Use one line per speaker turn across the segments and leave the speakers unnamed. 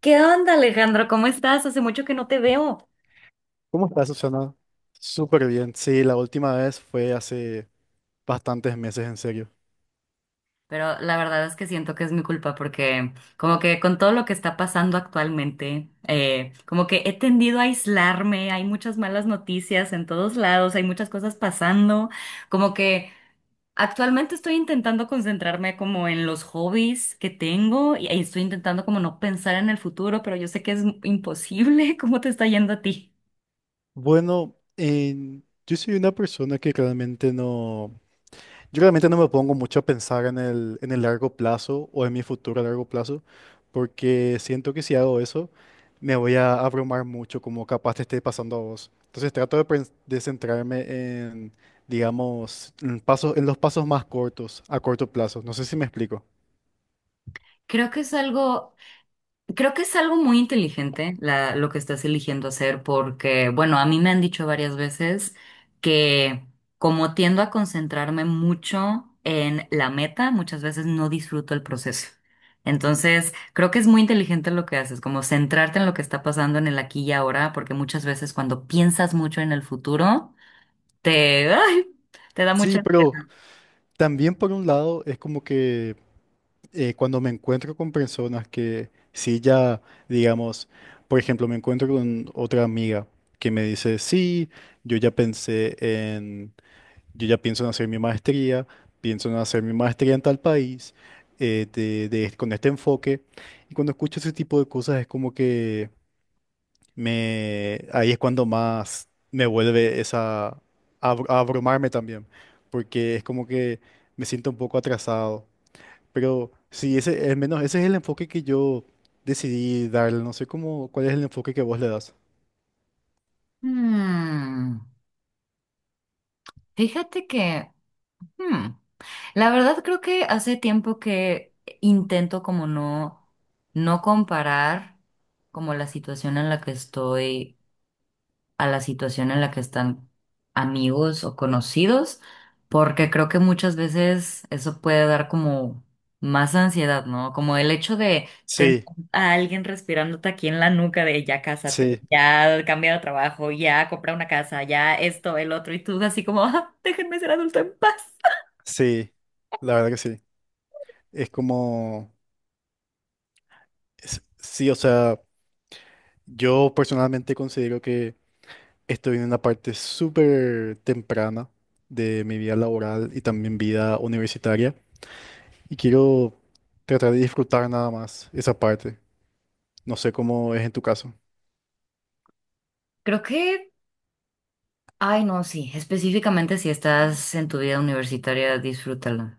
¿Qué onda, Alejandro? ¿Cómo estás? Hace mucho que no te veo.
¿Cómo estás, Susana? Súper bien. Sí, la última vez fue hace bastantes meses, en serio.
Pero la verdad es que siento que es mi culpa porque como que con todo lo que está pasando actualmente, como que he tendido a aislarme, hay muchas malas noticias en todos lados, hay muchas cosas pasando, como que actualmente estoy intentando concentrarme como en los hobbies que tengo y estoy intentando como no pensar en el futuro, pero yo sé que es imposible. ¿Cómo te está yendo a ti?
Bueno, yo soy una persona que realmente yo realmente no me pongo mucho a pensar en el largo plazo o en mi futuro a largo plazo, porque siento que si hago eso, me voy a abrumar mucho, como capaz te esté pasando a vos. Entonces trato de centrarme en, digamos, en los pasos más cortos, a corto plazo. No sé si me explico.
Creo que es algo Creo que es algo muy inteligente lo que estás eligiendo hacer porque, bueno, a mí me han dicho varias veces que como tiendo a concentrarme mucho en la meta, muchas veces no disfruto el proceso. Entonces, creo que es muy inteligente lo que haces, como centrarte en lo que está pasando en el aquí y ahora, porque muchas veces cuando piensas mucho en el futuro, te, ay, te da
Sí,
mucha
pero
ansiedad.
también por un lado es como que cuando me encuentro con personas que sí ya, digamos, por ejemplo, me encuentro con otra amiga que me dice, sí, yo ya pensé en, yo ya pienso en hacer mi maestría, pienso en hacer mi maestría en tal país, con este enfoque. Y cuando escucho ese tipo de cosas es como que ahí es cuando más me vuelve a abrumarme también, porque es como que me siento un poco atrasado. Pero sí, al menos ese es el enfoque que yo decidí darle. No sé cuál es el enfoque que vos le das.
Hmm, fíjate que. Hmm. La verdad creo que hace tiempo que intento como no comparar como la situación en la que estoy a la situación en la que están amigos o conocidos, porque creo que muchas veces eso puede dar como más ansiedad, ¿no? Como el hecho de tener
Sí,
a alguien respirándote aquí en la nuca de ya cásate,
sí,
ya cambia de trabajo, ya compra una casa, ya esto, el otro, y tú así como, "Ah, déjenme ser adulto en paz".
sí, la verdad que sí. Es como, sí, o sea, yo personalmente considero que estoy en una parte súper temprana de mi vida laboral y también vida universitaria. Y quiero tratar de disfrutar nada más esa parte. No sé cómo es en tu caso.
Creo que Ay, no, sí, específicamente si estás en tu vida universitaria, disfrútala,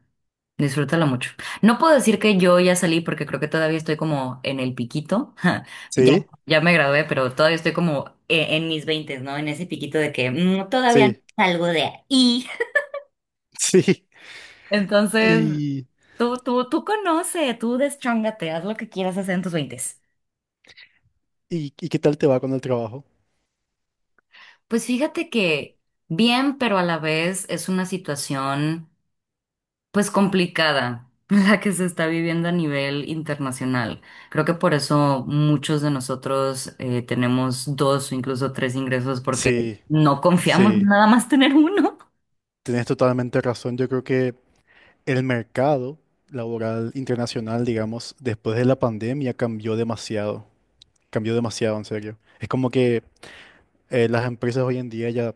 disfrútala mucho. No puedo decir que yo ya salí porque creo que todavía estoy como en el piquito, ya,
Sí,
ya me gradué, pero todavía estoy como en mis veintes, ¿no? En ese piquito de que todavía no
sí,
salgo de ahí.
sí.
Entonces,
¿Y,
tú conoce, tú deschóngate, haz lo que quieras hacer en tus veintes.
y qué tal te va con el trabajo?
Pues fíjate que bien, pero a la vez es una situación pues complicada, la que se está viviendo a nivel internacional. Creo que por eso muchos de nosotros tenemos dos o incluso tres ingresos porque
Sí,
no confiamos en
sí.
nada más tener uno.
Tienes totalmente razón. Yo creo que el mercado laboral internacional, digamos, después de la pandemia cambió demasiado. Cambió demasiado, en serio. Es como que las empresas hoy en día ya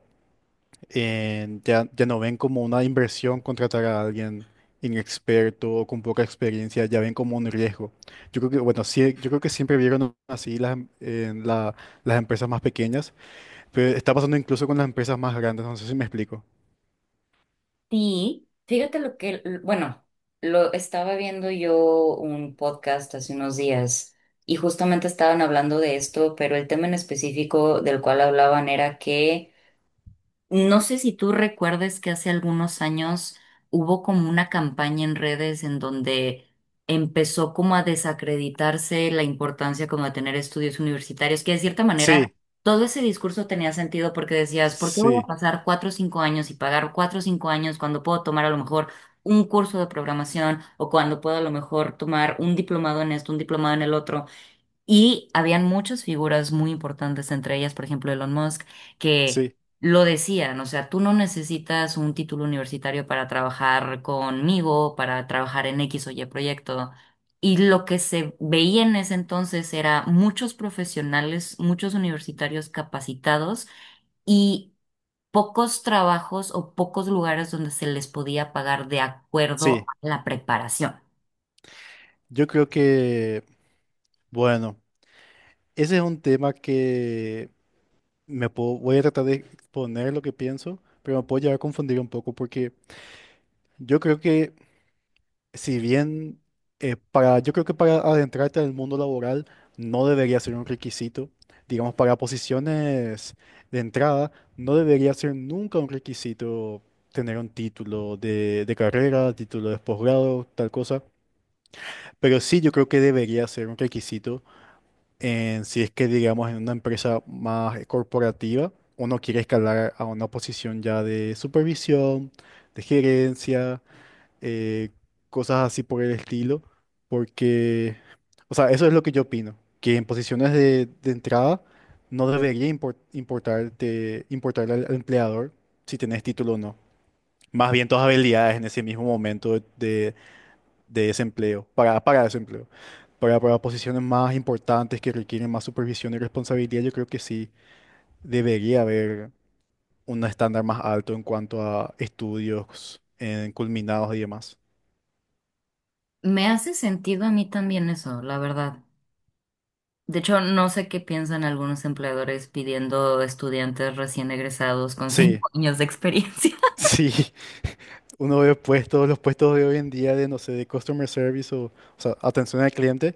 en- ya, ya no ven como una inversión contratar a alguien inexperto o con poca experiencia, ya ven como un riesgo. Yo creo que, bueno, sí, yo creo que siempre vieron así las, em- en la- las empresas más pequeñas, pero está pasando incluso con las empresas más grandes, no sé si me explico.
Sí, fíjate bueno, lo estaba viendo yo un podcast hace unos días y justamente estaban hablando de esto, pero el tema en específico del cual hablaban era que no sé si tú recuerdes que hace algunos años hubo como una campaña en redes en donde empezó como a desacreditarse la importancia como de tener estudios universitarios, que de cierta manera
Sí,
todo ese discurso tenía sentido porque decías, ¿por qué voy a
sí,
pasar cuatro o cinco años y pagar cuatro o cinco años cuando puedo tomar a lo mejor un curso de programación o cuando puedo a lo mejor tomar un diplomado en esto, un diplomado en el otro? Y habían muchas figuras muy importantes, entre ellas, por ejemplo, Elon Musk, que
sí,
lo decían, o sea, tú no necesitas un título universitario para trabajar conmigo, para trabajar en X o Y proyecto. Y lo que se veía en ese entonces era muchos profesionales, muchos universitarios capacitados y pocos trabajos o pocos lugares donde se les podía pagar de acuerdo
sí.
a la preparación.
Yo creo que, bueno, ese es un tema que voy a tratar de exponer lo que pienso, pero me puedo llegar a confundir un poco porque yo creo que si bien yo creo que para adentrarte al mundo laboral no debería ser un requisito, digamos, para posiciones de entrada, no debería ser nunca un requisito tener un título de carrera, título de posgrado, tal cosa, pero sí yo creo que debería ser un requisito en si es que, digamos, en una empresa más corporativa, uno quiere escalar a una posición ya de supervisión, de gerencia, eh, cosas así por el estilo, porque, o sea, eso es lo que yo opino, que en posiciones de entrada no debería importarte, al empleador si tenés título o no. Más bien tus habilidades en ese mismo momento de ese empleo, para ese empleo. Para posiciones más importantes que requieren más supervisión y responsabilidad, yo creo que sí debería haber un estándar más alto en cuanto a estudios en culminados y demás.
Me hace sentido a mí también eso, la verdad. De hecho, no sé qué piensan algunos empleadores pidiendo estudiantes recién egresados con
Sí,
cinco años de experiencia.
sí. Uno ve puestos, los puestos de hoy en día de, no sé, de customer service o sea, atención al cliente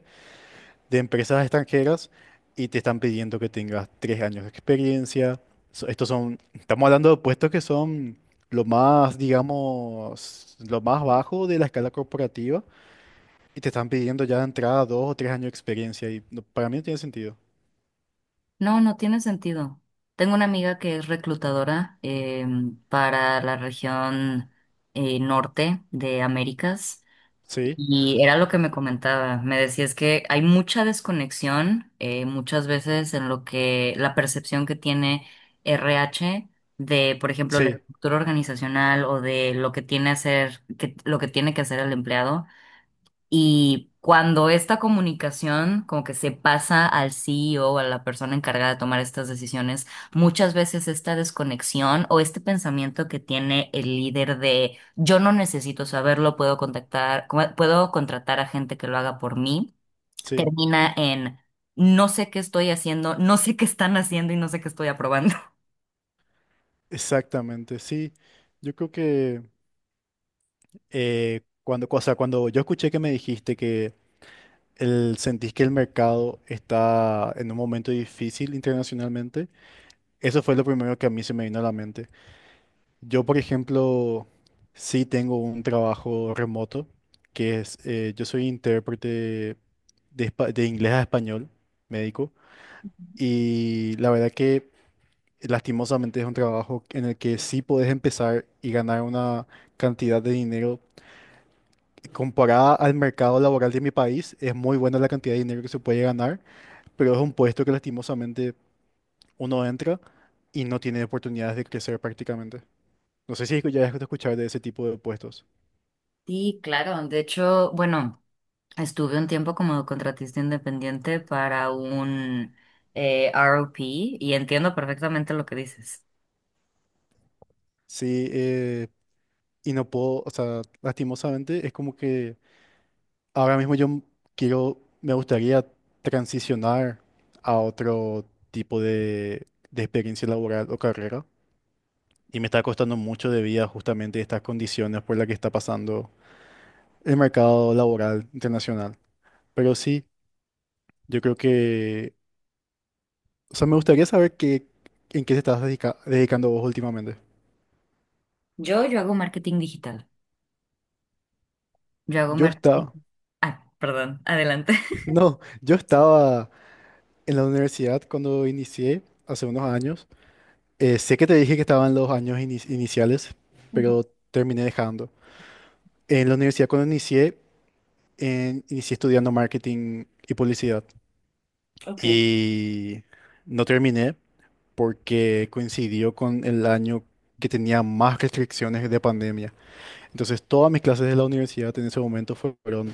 de empresas extranjeras y te están pidiendo que tengas tres años de experiencia. Estos son, estamos hablando de puestos que son lo más, digamos, lo más bajo de la escala corporativa y te están pidiendo ya de entrada dos o tres años de experiencia y para mí no tiene sentido.
No, no tiene sentido. Tengo una amiga que es reclutadora para la región norte de Américas.
Sí,
Y era lo que me comentaba, me decía es que hay mucha desconexión muchas veces en lo que la percepción que tiene RH de, por ejemplo, la
sí,
estructura organizacional o de lo que tiene hacer, que, lo que tiene que hacer el empleado y cuando esta comunicación como que se pasa al CEO o a la persona encargada de tomar estas decisiones, muchas veces esta desconexión o este pensamiento que tiene el líder de yo no necesito saberlo, puedo contactar, puedo contratar a gente que lo haga por mí,
sí,
termina en no sé qué estoy haciendo, no sé qué están haciendo y no sé qué estoy aprobando.
exactamente, sí. Yo creo que o sea, cuando yo escuché que me dijiste que sentís que el mercado está en un momento difícil internacionalmente. Eso fue lo primero que a mí se me vino a la mente. Yo, por ejemplo, sí tengo un trabajo remoto, que yo soy intérprete de inglés a español, médico, y la verdad que lastimosamente es un trabajo en el que sí podés empezar y ganar una cantidad de dinero. Comparada al mercado laboral de mi país, es muy buena la cantidad de dinero que se puede ganar, pero es un puesto que lastimosamente uno entra y no tiene oportunidades de crecer prácticamente. No sé si ya has escuchado de ese tipo de puestos.
Sí, claro. De hecho, bueno, estuve un tiempo como contratista independiente para un ROP y entiendo perfectamente lo que dices.
Sí, y no puedo, o sea, lastimosamente es como que ahora mismo yo me gustaría transicionar a otro tipo de experiencia laboral o carrera. Y me está costando mucho debido a justamente estas condiciones por las que está pasando el mercado laboral internacional. Pero sí, yo creo que o sea, me gustaría saber en qué te estás dedicando vos últimamente.
Yo hago marketing digital. Yo hago
Yo
marketing.
estaba,
Ah, perdón, adelante.
no, yo estaba en la universidad cuando inicié hace unos años. Sé que te dije que estaba en los años iniciales, pero terminé dejando. En la universidad cuando inicié, inicié estudiando marketing y publicidad
Ok,
y no terminé porque coincidió con el año que tenía más restricciones de pandemia. Entonces todas mis clases de la universidad en ese momento fueron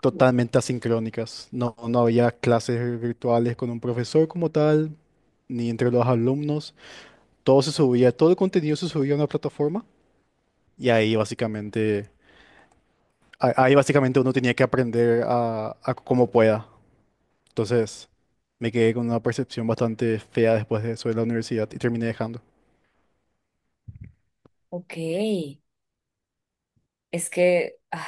totalmente asincrónicas. No, no había clases virtuales con un profesor como tal, ni entre los alumnos. Todo se subía, todo el contenido se subía a una plataforma y ahí básicamente, ahí básicamente uno tenía que aprender a como pueda. Entonces me quedé con una percepción bastante fea después de eso de la universidad y terminé dejando.
ok. Es que, ay,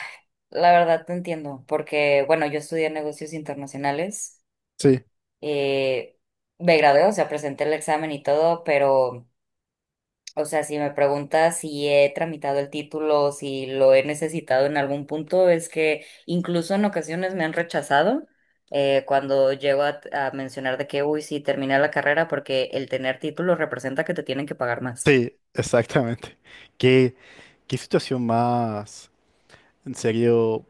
la verdad te entiendo, porque, bueno, yo estudié negocios internacionales,
Sí,
eh, me gradué, o sea, presenté el examen y todo, pero o sea, si me preguntas si he tramitado el título, si lo he necesitado en algún punto, es que incluso en ocasiones me han rechazado cuando llego a mencionar de que, uy, sí, terminé la carrera porque el tener título representa que te tienen que pagar más.
sí, exactamente. ¿Qué, qué situación más? En serio,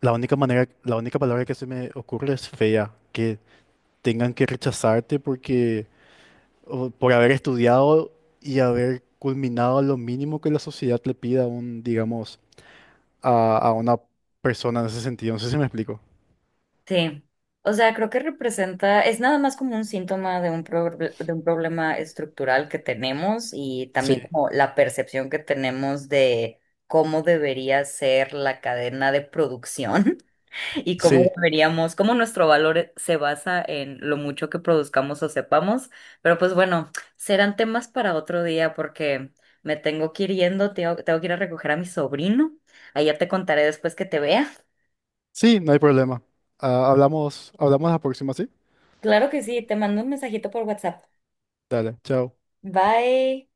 la única palabra que se me ocurre es fea. Que tengan que rechazarte porque o por haber estudiado y haber culminado lo mínimo que la sociedad le pida a un, digamos, a una persona en ese sentido. No sé si me explico.
Sí. O sea, creo que representa, es nada más como un síntoma de de un problema estructural que tenemos y
Sí,
también como la percepción que tenemos de cómo debería ser la cadena de producción y
sí,
cómo deberíamos, cómo nuestro valor se basa en lo mucho que produzcamos o sepamos. Pero pues bueno, serán temas para otro día porque me tengo que ir yendo, tengo que ir a recoger a mi sobrino. Ahí ya te contaré después que te vea.
sí, no hay problema. Ah, hablamos la próxima, ¿sí?
Claro que sí, te mando un mensajito por WhatsApp.
Dale, chao.
Bye.